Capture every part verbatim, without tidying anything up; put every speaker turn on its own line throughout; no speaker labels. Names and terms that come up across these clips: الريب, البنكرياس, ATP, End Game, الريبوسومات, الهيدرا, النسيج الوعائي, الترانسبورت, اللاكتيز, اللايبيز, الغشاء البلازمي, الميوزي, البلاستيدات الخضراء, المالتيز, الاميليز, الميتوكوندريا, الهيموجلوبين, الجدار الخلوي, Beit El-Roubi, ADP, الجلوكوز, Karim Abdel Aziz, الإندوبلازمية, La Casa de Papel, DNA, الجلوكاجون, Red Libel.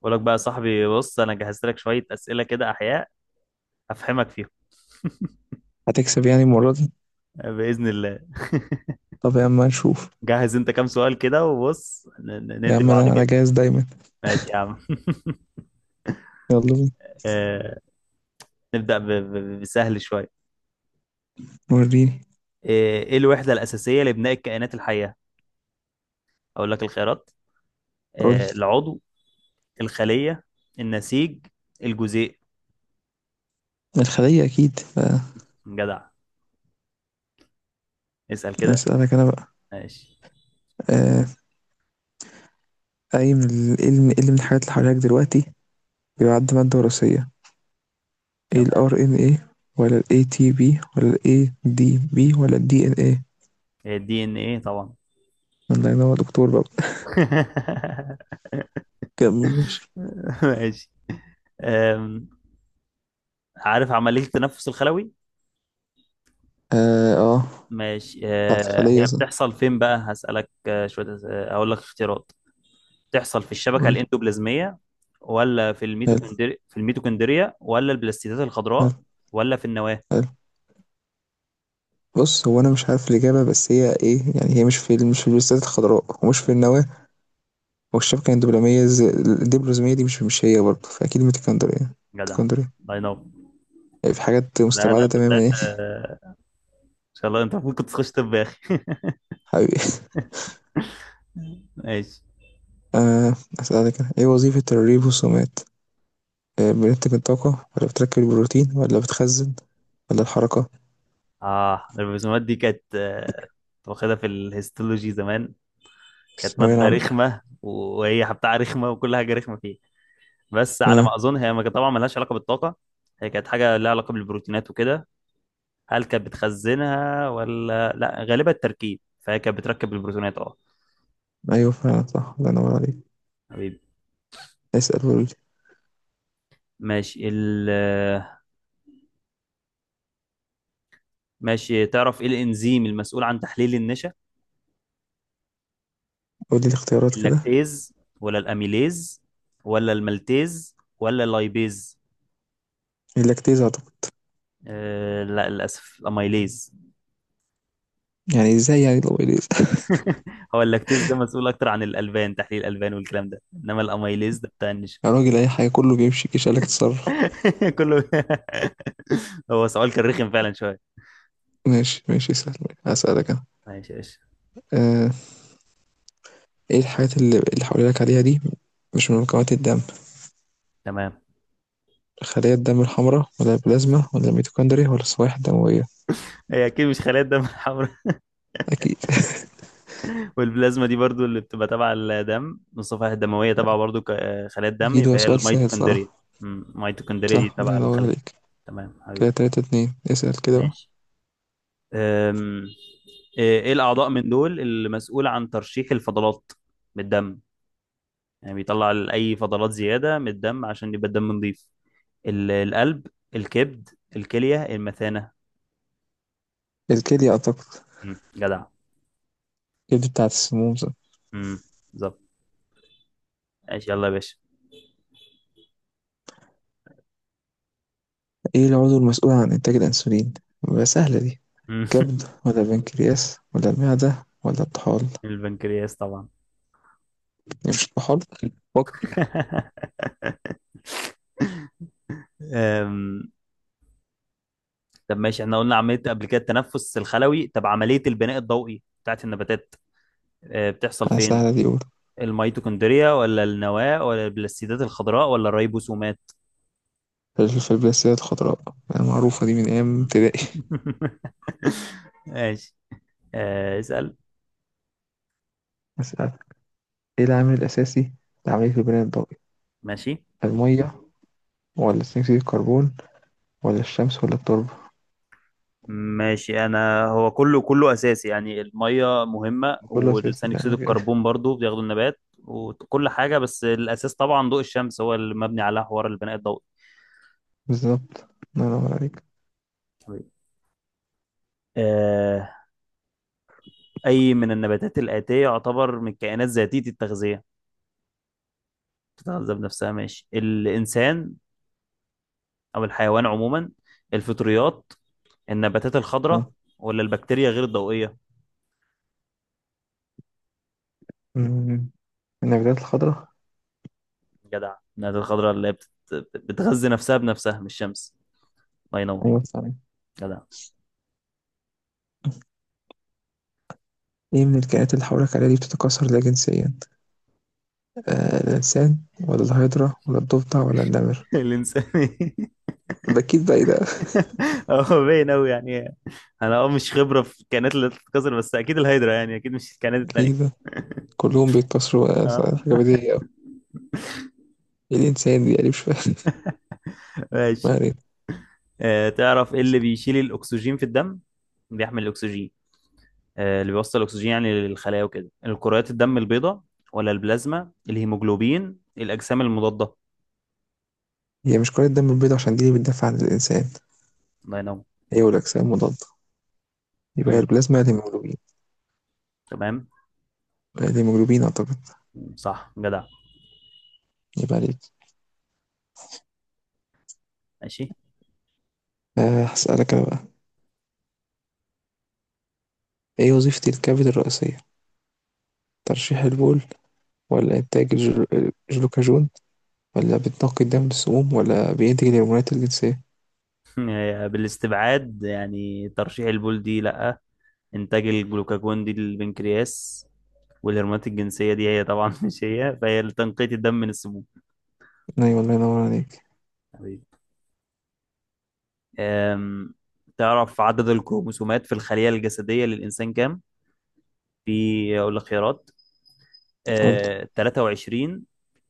بقول لك بقى يا صاحبي، بص انا جهزت لك شويه اسئله كده احياء افهمك فيهم
هتكسب يعني المرة دي؟
باذن الله.
طب يا عم نشوف.
جهز انت كام سؤال كده وبص ن- ن-
يا
ندي
عم
بعض
انا انا
كده.
جاهز دايما.
ماشي يا عم.
يلا بينا.
آه، نبدا ب- ب- بسهل شويه.
وريني.
آه، ايه الوحده الاساسيه لبناء الكائنات الحيه؟ اقول لك الخيارات:
قول لي.
آه، العضو، الخليه، النسيج، الجزيء.
الخلية اكيد. آه،
جدع. اسال كده.
اسألك انا بقى.
ماشي.
آه، اي من ال- ايه من إيه اللي من الحاجات اللي حواليك دلوقتي بيعد مادة وراثية؟ ايه ال
تمام.
R N A ولا ال إيه تي بي ولا ال إيه دي بي ولا ال دي إن إيه؟
الدي ان ايه طبعا.
الله ينور دكتور بقى. كمل ماشي.
ماشي. أم، عارف عملية التنفس الخلوي؟
اه اه.
ماشي،
بتاعت
آه،
الخلية
هي
صح؟
بتحصل فين بقى؟ هسألك، آه، شوية أس- آه، أقول لك اختيارات. بتحصل في الشبكة
قول لي.
الإندوبلازمية ولا في
حلو،
الميتوكوندري في الميتوكوندريا ولا البلاستيدات
حلو،
الخضراء ولا في النواة؟
حلو. بص هو انا مش عارف الاجابة بس هي ايه يعني هي مش في ال- مش في البلاستيدات الخضراء ومش في
مم.
النواه، والشبكة الدبلومية ز- الدبلوماسية دي مش مش هي برضه، فأكيد من اسكندرية.
جدع.
اسكندرية.
الله ينور.
يعني في حاجات
لا لا،
مستبعدة
انت
تماما
طلعت،
يعني.
آه، ان شاء الله انت المفروض كنت تخش طب يا اخي.
حبيبي.
ماشي.
آه. أسألك أنا، إيه وظيفة الريب والسومات؟ آه، بننتج الطاقة ولا بتركب البروتين ولا بتخزن ولا الحركة؟
اه الرسومات دي كانت، آه، كنت واخدها في الهيستولوجي زمان. كانت
ثانوية
مادة
العامة.
رخمة، و- وهي بتاع رخمة وكل حاجة رخمة فيها. بس على
آه.
ما اظن هي ما- طبعا ملهاش علاقه بالطاقه. هي كانت حاجه لها علاقه بالبروتينات وكده. هل كانت بتخزنها ولا لا؟ غالبا التركيب، فهي كانت بتركب البروتينات اه.
أيوه فعلا صح، الله ينور عليك.
حبيبي.
اسأل وقولي.
ماشي ال ماشي، تعرف ايه الانزيم المسؤول عن تحليل النشا؟
قولي الاختيارات كده.
اللاكتيز ولا الاميليز ولا المالتيز ولا اللايبيز؟
اللاكتيز أعتقد.
أه لا، للاسف الاميليز.
يعني إزاي يعني لو إليز؟
هو اللاكتيز ده مسؤول اكتر عن الالبان، تحليل الالبان والكلام ده، انما الاميليز ده بتاع النشا.
يا راجل أي حاجة كله بيمشي كيش قالك تتصرف.
كله. هو سؤال كان رخم فعلا شويه.
ماشي ماشي اسأل. أسألك أنا.
ماشي ماشي.
آه. إيه الحاجات اللي اللي هاقولها لك عليها دي مش من مكونات الدم؟
تمام.
خلايا الدم الحمراء ولا البلازما ولا الميتوكوندريا ولا الصوايح الدموية؟
هي اكيد مش خلايا الدم الحمراء.
أكيد.
والبلازما دي برضو اللي بتبقى تبع الدم، الصفائح الدمويه تبع برضو ك- آه، خلايا الدم،
أكيد،
يبقى
هو
هي
سؤال سهل
الميتوكوندريا.
صراحة.
أمم، الميتوكوندريا دي
صح الله
تبع
ينور
الخليه.
عليك.
تمام
كده
حبيبي.
تلاتة اتنين، اسأل كده بقى.
ماشي. أم، ايه إيه الاعضاء من دول المسؤول عن ترشيح الفضلات من الدم؟ يعني بيطلع ال- اي فضلات زياده من الدم عشان يبقى الدم نظيف. ال- القلب، الكبد، الكليه، المثانه.
الكلية أعتقد.
مم. جدع.
الكبد بتاعة السموم صح؟
مم. بالظبط. ماشي يلا يا باشا.
إيه العضو المسؤول عن إنتاج الأنسولين؟ بقى سهلة دي.
مم.
كبد ولا بنكرياس ولا المعدة ولا الطحال يعني؟
البنكرياس طبعا.
مش الطحال. فكر.
أم، طب ماشي، احنا قلنا عملية قبل كده التنفس الخلوي، طب عملية البناء الضوئي بتاعت النباتات أه، بتحصل
آه،
فين؟
سهلة دي قول.
الميتوكوندريا ولا النواة ولا البلاستيدات الخضراء ولا الريبوسومات؟
في الفبراسية الخضراء. آه،
كده.
معروفة دي من أيام
مم.
ابتدائي.
ماشي. أه، اسأل.
اسأل. ايه العامل الأساسي لعملية البناء الضوئي؟
ماشي
المية ولا ثاني أكسيد الكربون ولا الشمس ولا التربة؟
ماشي، انا هو كله كله اساسي يعني، الميه مهمه
كله أساسي
والثاني اكسيد
بقى كده.
الكربون برضو بياخده النبات وكل حاجه، بس الاساس طبعا ضوء الشمس هو اللي مبني على حوار البناء الضوئي.
بالظبط. الله ينور عليك.
طيب. آه، اي من النباتات الاتيه يعتبر من الكائنات ذاتيه التغذيه؟ بتتغذى بنفسها. ماشي، الانسان او الحيوان عموما، الفطريات، النباتات
آه.
الخضراء، ولا البكتيريا غير الضوئيه؟
أمم. النباتات الخضراء.
جدع، النباتات الخضراء اللي هي بتت- بتغذي نفسها بنفسها، مش الشمس. الله ينور.
أيوة صحيح.
جدع.
إيه من الكائنات اللي حولك عليها دي بتتكاثر لا جنسيا؟ آه الإنسان ولا الهيدرا ولا الضفدع ولا النمر؟
الانساني.
أكيد بقى إيه ده؟
هو باين قوي يعني، انا اه مش خبره في الكائنات اللي بتتكسر بس اكيد الهيدرا يعني، اكيد مش الكائنات
أكيد
التانيه.
ده. كلهم بيتكاثروا، آه، صح،
اه.
حاجة بديهية أوي. إيه الإنسان دي يعني مش فاهم. ما
ماشي.
علينا.
آه، تعرف ايه اللي بيشيل الاكسجين في الدم؟ بيحمل الاكسجين، آه اللي بيوصل الاكسجين يعني للخلايا وكده. الكريات الدم البيضاء ولا البلازما، الهيموجلوبين، الاجسام المضاده؟
هي مش كرة الدم البيضاء عشان دي اللي بتدافع عن الإنسان.
الله ينور.
هي والأجسام مضادة. يبقى
مم،
البلازما الهيموجلوبين.
تمام.
الهيموجلوبين أعتقد.
مم، صح جدع.
يبقى عليك.
ماشي.
أه، هسألك أنا بقى. إيه وظيفة الكبد الرئيسية؟ ترشيح البول ولا إنتاج الجلو- الجلوكاجون ولا بتنقي الدم للسموم ولا بينتج الهرمونات الجنسية؟
آه، بالاستبعاد يعني ترشيح البول دي لا، انتاج الجلوكاجون دي للبنكرياس، والهرمونات الجنسية دي هي طبعا مش هي، فهي لتنقية الدم من السموم.
أيوة الله ينور عليك.
حبيبي. أم، تعرف عدد الكروموسومات في الخلية الجسدية للإنسان كام؟ في أقول لك خيارات:
قلت.
أه، ثلاثة وعشرين،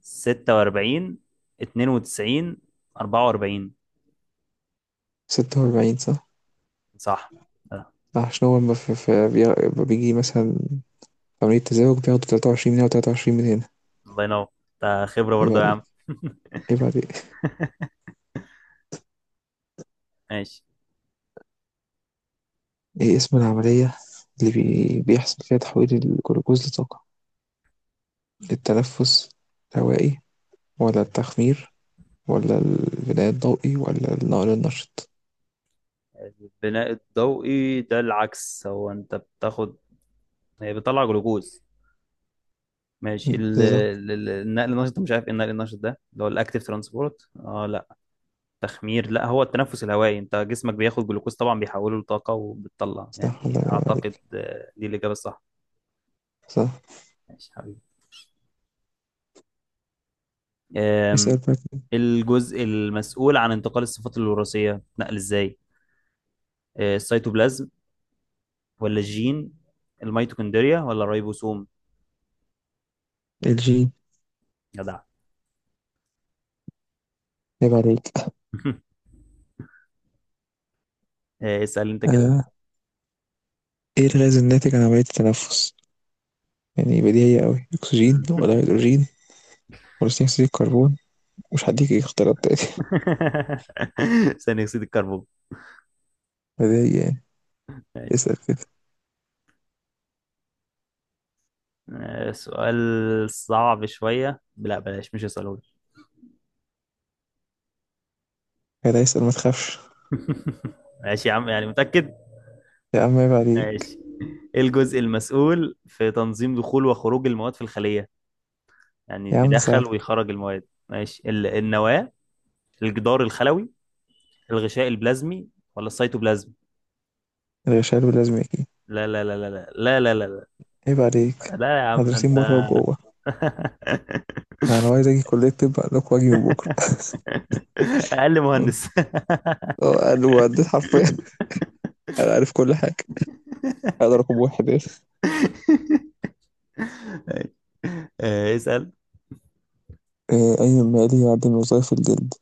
ستة وأربعين، اثنين وتسعين، أربعة وأربعين؟
ستة وأربعين صح؟
صح. أه،
عشان هو لما في في- بي- لما بيجي مثلا عملية تزاوج بياخدوا تلاتة وعشرين من هنا وتلاتة وعشرين من هنا.
الله ينور، ده خبرة
عيب
برضه يا
عليك،
عم.
عيب عليك.
ماشي.
إيه اسم العملية اللي بي... بيحصل فيها تحويل الجلوكوز لطاقة؟ التنفس الهوائي ولا التخمير ولا البناء الضوئي ولا النقل النشط؟
البناء الضوئي ده العكس، هو انت بتاخد، هي بتطلع جلوكوز. ماشي، ال-
بالظبط.
ال- ال- النقل النشط ده مش عارف ايه النقل النشط ده، اللي هو الاكتيف ترانسبورت اه لا. تخمير لا، هو التنفس الهوائي، انت جسمك بياخد جلوكوز طبعا، بيحوله لطاقة وبتطلع،
صح الله
يعني
ينور
اعتقد
عليك.
آه، دي الإجابة الصح.
صح.
ماشي حبيبي.
اسأل
آم،
بقى كده.
الجزء المسؤول عن انتقال الصفات الوراثية، نقل ازاي؟ آه، السيتوبلازم ولا الجين، الميتوكوندريا ولا الريبوسوم؟
الجين.
جدع.
عيب عليك.
آه، اسأل انت كده.
آه. ايه الغاز الناتج عن عملية التنفس؟ يعني بديهية أوي، أكسجين ولا هيدروجين ولا ثاني أكسيد الكربون، مش هديك اختيارات تاني.
ثاني اكسيد الكربون.
بديهية يعني.
ماشي.
اسأل كده.
آه، سؤال صعب شوية، لا بلاش مش هسأله لك.
كده اسأل ما تخافش.
ماشي يا عم يعني متأكد.
يا عم عيب عليك.
ماشي. ايه الجزء المسؤول في تنظيم دخول وخروج المواد في الخلية؟ يعني
يا
اللي
عم سهل.
بيدخل ويخرج المواد. ماشي، ال- النواة، الجدار الخلوي، الغشاء البلازمي، ولا السيتوبلازم؟
الغشاء باللازم أكيد.
لا لا لا لا، لا لا لا لا،
عيب عليك.
لا لا يا عم ده
مدرسين بره
انت.
وجوه. أنا عايز أجي كلية طب قال لك وأجي من بكرة.
اقل مهندس.
اه قالوا عديت حرفيا. انا عارف كل حاجه. انا رقم واحد يعني.
آه، اسأل.
آه، أي مالي يعدل وظائف الجلد؟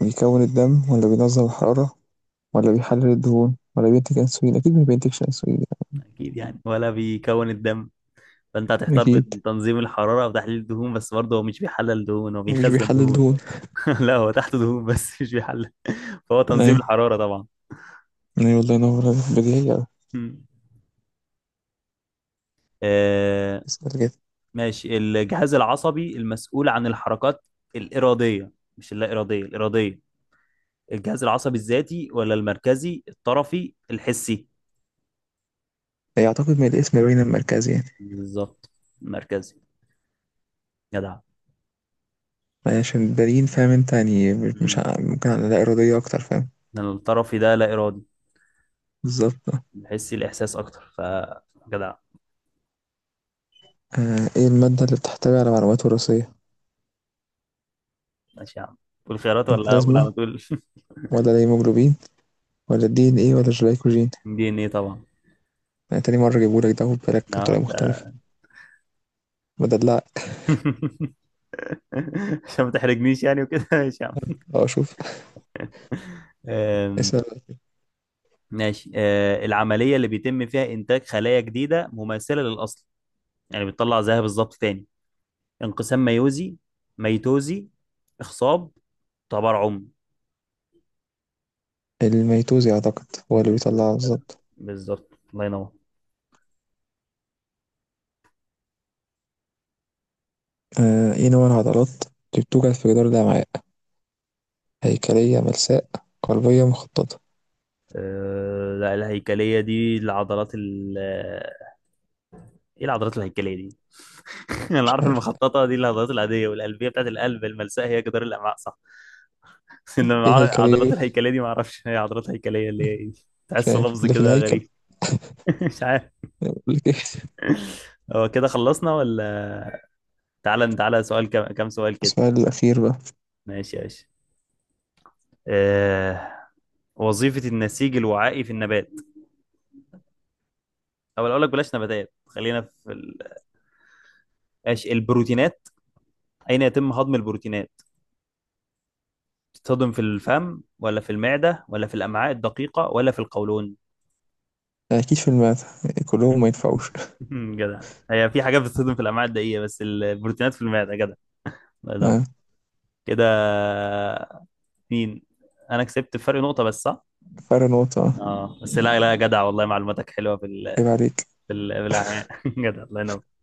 بيكون الدم ولا بينظم الحرارة ولا بيحلل الدهون ولا بينتج أنسولين؟ أكيد ما بينتجش أنسولين.
أكيد يعني ولا بيكون الدم، فأنت
يعني.
هتحتار
اكيد.
بين تنظيم الحرارة وتحليل الدهون، بس برضه هو مش بيحلل دهون، هو
مش
بيخزن
بيحلل
دهون.
دهون.
لا هو تحت دهون بس مش بيحلل، فهو تنظيم
أيوة،
الحرارة طبعا.
أيوة والله ينور عليك، بديهية أوي.
مم. آه،
اسأل كده.
ماشي. الجهاز العصبي المسؤول عن الحركات الإرادية، مش اللا إرادية، الإرادية. الجهاز العصبي الذاتي ولا المركزي، الطرفي، الحسي؟
يعتقد من الاسم باين المركزي يعني.
بالظبط، المركزي. جدع.
يعني عشان بالين فاهم انت يعني مش مش
مم.
ع- ممكن على لا إرادية أكتر فاهم.
الطرفي ده لا إرادي،
بالظبط.
بحس الإحساس أكتر، فجدع.
آه، إيه المادة اللي بتحتوي على معلومات وراثية؟
ماشي يا عم، تقول خيارات ولا أقول
البلازما
على طول؟
ولا الهيموجلوبين ولا الدي إن إيه ولا الجلايكوجين؟
دي إن إيه طبعا.
أنا تاني مرة اجيبهولك ده وبالك
آه،
بطريقة مختلفة.
ده.
بدل لا.
عشان ما تحرجنيش يعني وكده. ماشي يا عم.
اه شوف.
آم،
اسأل.
ماشي. آه، العملية اللي بيتم فيها إنتاج خلايا جديدة مماثلة للأصل، يعني بتطلع زيها بالظبط تاني. انقسام ميوزي، ميتوزي، إخصاب، تبرعم؟
الميتوزي أعتقد هو اللي بيطلعها
ميتوزي كده.
بالظبط.
بالظبط الله ينور.
آه ايه نوع العضلات اللي بتوجد في جدار الأمعاء؟ هيكلية، ملساء، قلبية، مخططة؟
آه، لا الهيكلية دي العضلات، ايه العضلات الهيكليه دي؟ انا
مش
عارف
عارف.
المخططه دي العضلات العاديه، والقلبيه بتاعت القلب، الملساء هي جدار الامعاء صح. انما
ايه الهيكلية
عضلات
دي.
الهيكليه دي ما اعرفش هي عضلات هيكليه اللي هي ايه.
مش
تحسه
عارف
لفظ
اللي في
كده
الهيكل.
غريب. مش عارف.
أنا بقول لك ايه.
هو كده خلصنا ولا؟ تعالى تعالى، سؤال كم كم سؤال كده.
السؤال الأخير بقى.
ماشي يا باشا. آه... وظيفه النسيج الوعائي في النبات، او اقول لك بلاش نباتات، خلينا في ال... ماشي، البروتينات. اين يتم هضم البروتينات؟ تتهضم في الفم ولا في المعده ولا في الامعاء الدقيقه ولا في القولون؟
أكيد في الماث. كلهم ما ينفعوش.
جدع. هي في حاجات بتصدم في الامعاء الدقيقه بس البروتينات في المعده. جدع، الله ينور.
آه.
كده، مين؟ انا كسبت فرق نقطه بس. صح
فرق نقطة.
اه بس، لا لا جدع والله معلوماتك حلوه في ال...
عيب عليك.
في ال... في الأمعاء. جدع الله ينور.